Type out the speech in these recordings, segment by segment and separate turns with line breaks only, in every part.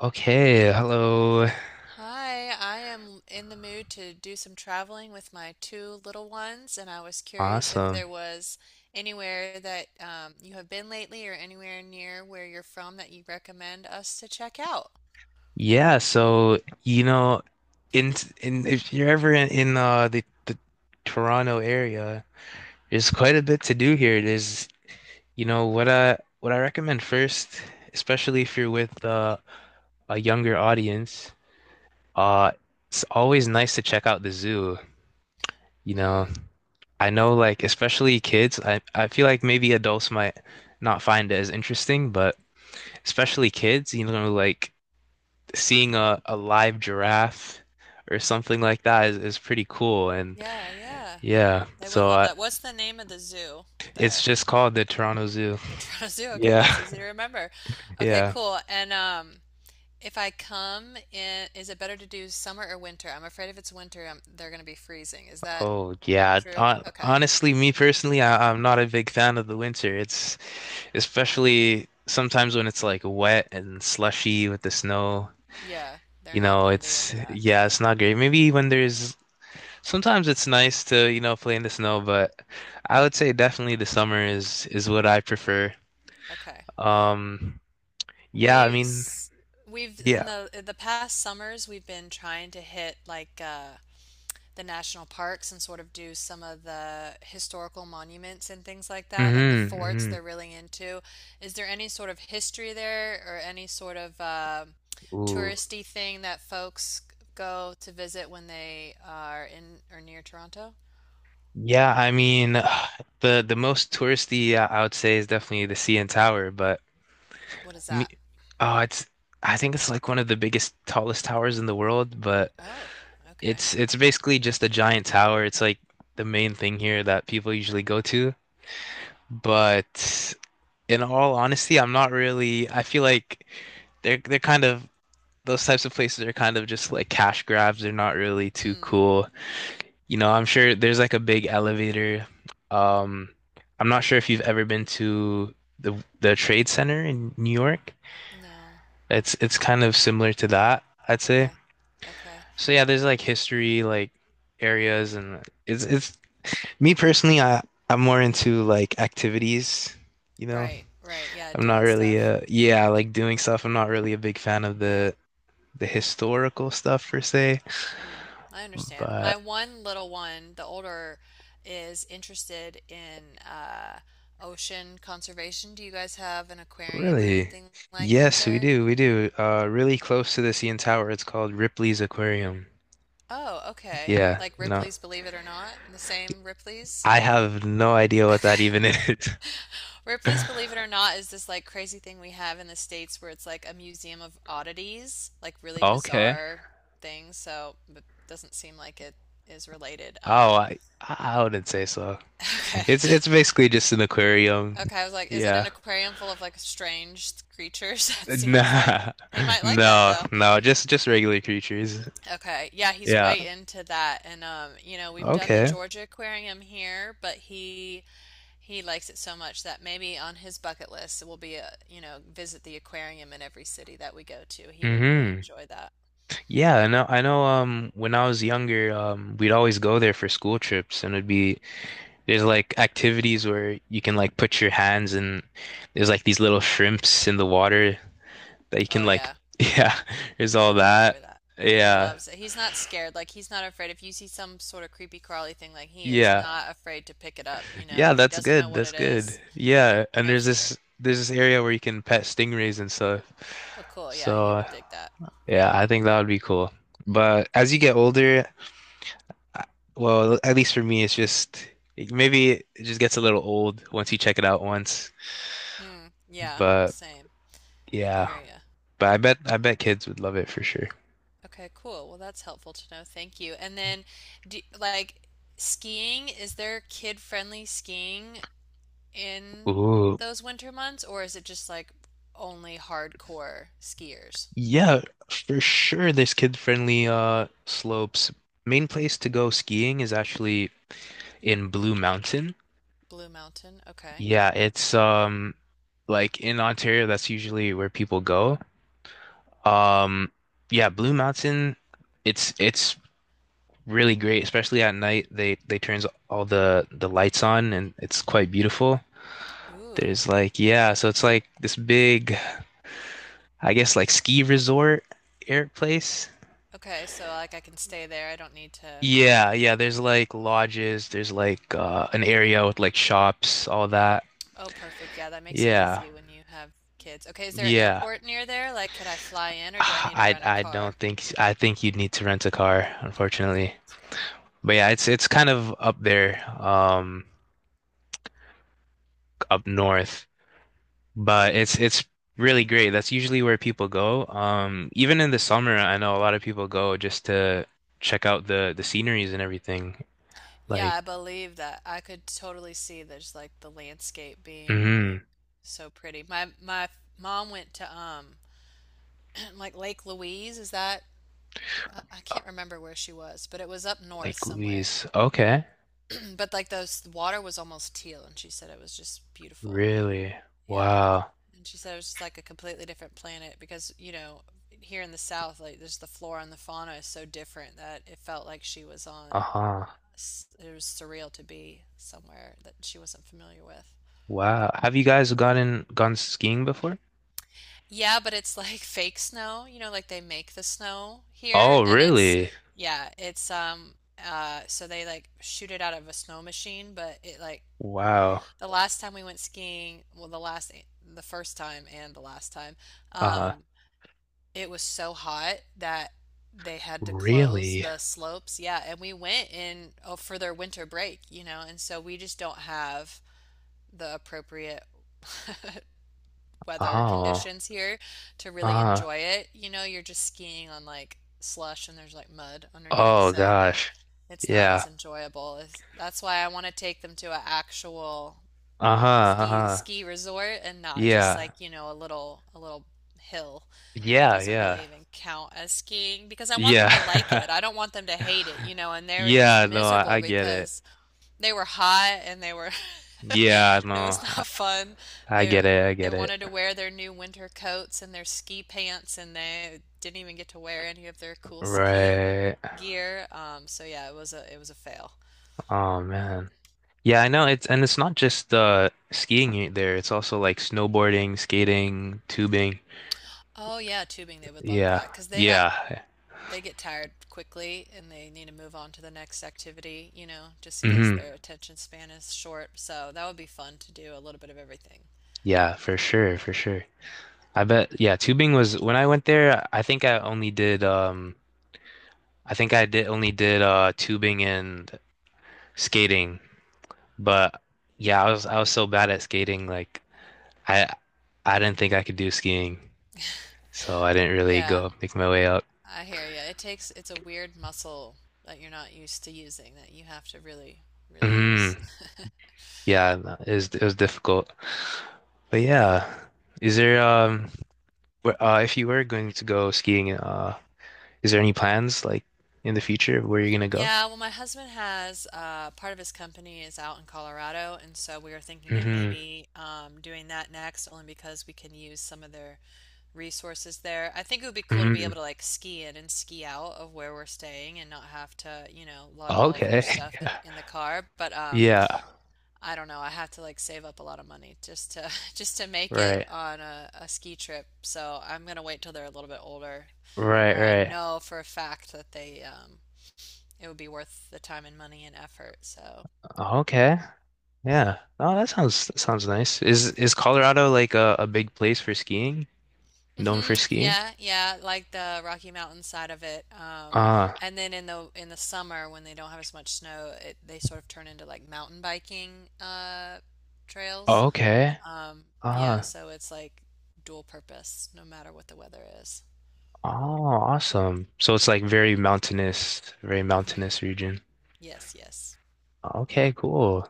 Okay, hello.
Hi, I am in the mood to do some traveling with my two little ones, and I was curious if
Awesome.
there was anywhere that you have been lately or anywhere near where you're from that you recommend us to check out.
Yeah, in in if you're ever in the Toronto area, there's quite a bit to do here. There's what I recommend first, especially if you're with a younger audience, uh it's always nice to check out the zoo, you know.
Mm,
I know like especially kids, I feel like maybe adults might not find it as interesting, but especially kids, like seeing a live giraffe or something like that is pretty cool. And
yeah, yeah.
yeah,
They would love that. What's the name of the zoo
it's
there?
just called the Toronto Zoo.
The Toronto Zoo. Okay, that's
Yeah,
easy to remember. Okay,
yeah.
cool. And if I come in, is it better to do summer or winter? I'm afraid if it's winter, I they're going to be freezing. Is that
Oh yeah.
true? Okay.
Honestly, me personally, I'm not a big fan of the winter. It's especially sometimes when it's like wet and slushy with the snow.
Yeah, they're
You
not
know,
going to be
it's
into that.
yeah, it's not great. Maybe when there's sometimes it's nice to, play in the snow, but I would say definitely the summer is what I prefer.
Okay.
Um, Yeah, I
We
mean,
s- we've
yeah.
in the past summers we've been trying to hit like the national parks and sort of do some of the historical monuments and things like that, like the
Hmm,
forts
hmm.
they're really into. Is there any sort of history there or any sort of
Ooh.
touristy thing that folks go to visit when they are in or near Toronto?
Yeah, I mean, the most touristy I would say is definitely the CN Tower, but
What is
me,
that?
oh, it's I think it's like one of the biggest, tallest towers in the world, but
Oh, okay.
it's basically just a giant tower. It's like the main thing here that people usually go to. But in all honesty, I'm not really, I feel like they're kind of those types of places are kind of just like cash grabs. They're not really too
Mm,
cool. You know, I'm sure there's like a big elevator. Um, I'm not sure if you've ever been to the Trade Center in New York.
no.
It's kind of similar to that, I'd say.
Okay. Okay.
So yeah, there's like history like areas and it's me personally, I I'm more into like activities, you know.
Right, right. Yeah,
I'm not
doing
really
stuff.
yeah, like doing stuff. I'm not really a big fan of
Yeah.
the historical stuff per se,
Mm, I understand. My
but
one little one, the older, is interested in ocean conservation. Do you guys have an aquarium or
really?
anything like that
Yes, we
there?
do. We do. Really close to the CN Tower. It's called Ripley's Aquarium.
Oh, okay.
Yeah,
Like
no,
Ripley's Believe It or Not? The same Ripley's?
I have no idea what that even
Okay.
is.
Ripley's Believe It or Not is this like crazy thing we have in the States where it's like a museum of oddities, like really
Okay.
bizarre things. So, but doesn't seem like it is related.
Oh, I wouldn't say so.
Okay.
It's basically just an aquarium.
Okay, I was like, is it
Yeah.
an aquarium full of like strange creatures? That seems like
Nah.
he might like that
No,
though.
no, just regular creatures.
Okay. Yeah, he's
Yeah.
way into that and you know, we've done the
Okay.
Georgia Aquarium here, but he likes it so much that maybe on his bucket list will be a, you know, visit the aquarium in every city that we go to. He would really
Hmm.
enjoy that.
Yeah, I know when I was younger, we'd always go there for school trips and it'd be there's like activities where you can like put your hands and there's like these little shrimps in the water that you can
Oh
like
yeah,
yeah, there's all
he would
that.
enjoy that. He
Yeah.
loves it. He's not scared. Like he's not afraid. If you see some sort of creepy crawly thing, like he is
Yeah.
not afraid to pick it up, you know,
Yeah,
if he
that's
doesn't know
good.
what
That's
it
good.
is.
Yeah, and
No
there's
fear.
this area where you can pet stingrays and stuff.
Oh, cool. Yeah, he
So,
would dig that.
yeah, I think that would be cool. But as you get older, I- well, at least for me, it's just maybe it just gets a little old once you check it out once.
Hmm. Yeah,
But
same. I
yeah.
hear you.
But I bet kids would love it for sure.
Okay, cool. Well, that's helpful to know. Thank you. And then, do, like, skiing, is there kid-friendly skiing in
Ooh,
those winter months, or is it just like only hardcore skiers?
yeah, for sure. There's kid-friendly slopes. Main place to go skiing is actually in Blue Mountain.
Blue Mountain. Okay.
Yeah, it's like in Ontario, that's usually where people go. Um, yeah, Blue Mountain, it's really great, especially at night. They turns all the lights on and it's quite beautiful.
Ooh.
There's like yeah, so it's like this big I guess like ski resort air place.
Okay, so like I can stay there. I don't need to.
Yeah, yeah, there's like lodges, there's like an area with like shops, all that.
Oh, perfect. Yeah, that makes it
Yeah.
easy when you have kids. Okay, is there an
Yeah.
airport near there? Like, could I fly in, or do I need to rent a
I don't
car?
think I think you'd need to rent a car,
Rent a car. Okay,
unfortunately.
that's okay.
But yeah, it's kind of up there, up north, but it's really great. That's usually where people go. Um, even in the summer, I know a lot of people go just to check out the sceneries and everything.
Yeah,
Like,
I believe that. I could totally see there's like the landscape being
mhm.
so pretty. My mom went to like Lake Louise, is that I can't remember where she was, but it was up north
Lake
somewhere.
Louise. Okay.
But like those the water was almost teal and she said it was just beautiful.
Really?
Yeah.
Wow.
And she said it was just like a completely different planet because, you know, here in the South, like there's the flora and the fauna is so different that it felt like she was on
Uh-huh.
it was surreal to be somewhere that she wasn't familiar with.
Wow. Have you guys gotten gone skiing before?
Yeah, but it's like fake snow, you know, like they make the snow here
Oh,
and it's
really?
yeah, it's so they like shoot it out of a snow machine, but it like
Wow.
the last time we went skiing, well the last the first time and the last time,
Uh,
um, it was so hot that they had to close
really?
the slopes. Yeah, and we went in oh, for their winter break, you know, and so we just don't have the appropriate weather
Oh.
conditions here to really
Uh-huh.
enjoy it. You know, you're just skiing on like slush and there's like mud underneath,
Oh
so
gosh.
it's not
Yeah.
as enjoyable. It's- That's why I want to take them to an actual
Uh-huh.
ski
Uh-huh.
ski resort and not just
Yeah.
like, you know, a little hill that
Yeah,
doesn't
yeah.
really even count as skiing because I want them to like
Yeah.
it. I don't want them to hate it, you know, and they were just
Yeah, no, I
miserable
get it.
because they were hot and they were
Yeah, no,
it was not fun.
I
They
get it. I
they
get it.
wanted to wear their new winter coats and their ski pants and they didn't even get to wear any of their cool ski
Right.
gear. So yeah, it was a fail.
Oh man. Yeah, I know it's not just skiing there. It's also like snowboarding, skating, tubing.
Oh yeah, tubing they would love
Yeah.
that, cause they got
Yeah.
they get tired quickly and they need to move on to the next activity, you know, just cause
Hmm.
their attention span is short. So that would be fun to do a little bit of everything.
Yeah, for sure, for sure. I bet yeah, tubing was when I went there, I think I only did I think I did only did tubing and skating. But yeah, I was so bad at skating like I I didn't think I could do skiing. So I didn't really
Yeah.
go make my way up.
I hear you. It takes, it's a weird muscle that you're not used to using that you have to really, really use.
Mhm. Yeah, no, it was difficult. But
I,
yeah, is there if you were going to go skiing, is there any plans like in the future of where you're gonna go?
yeah, well, my husband has part of his company is out in Colorado, and so we were thinking of
Hmm,
maybe doing that next, only because we can use some of their resources there. I think it would be cool to be able
hmm.
to like ski in and ski out of where we're staying and not have to, you know, lug all of your
Okay.
stuff in in the car. But
Yeah.
I don't know. I have to like save up a lot of money just to just to make it
Right.
on a ski trip. So I'm gonna wait till they're a little bit older, where
Right,
I
right.
know for a fact that they it would be worth the time and money and effort. So
Okay. Yeah. Oh, that sounds nice. Is Colorado like a big place for skiing? Known
hmm
for skiing?
yeah, yeah, like the Rocky Mountain side of it.
Uh,
And then in the summer when they don't have as much snow, it, they sort of turn into like mountain biking trails.
okay.
Um, yeah,
Uh,
so it's like dual purpose no matter what the weather is.
oh, awesome. So it's like very
Hmm,
mountainous region.
yes, yes.
Okay, cool.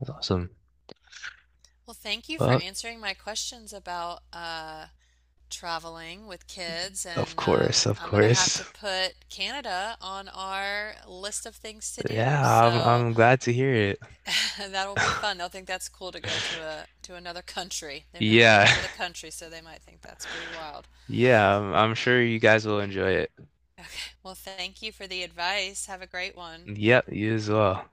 That's awesome.
Well, thank you for
Well,
answering my questions about traveling with kids,
of
and
course, of
I'm gonna have
course.
to put Canada on our list of things to do.
Yeah,
So
I'm glad to hear it.
that'll be fun. They'll think that's cool to go to a to another country. They've never been
Yeah.
out of the country, so they might think that's pretty wild.
Yeah, I'm sure you guys will enjoy it.
Well, thank you for the advice. Have a great one.
Yep, you as well.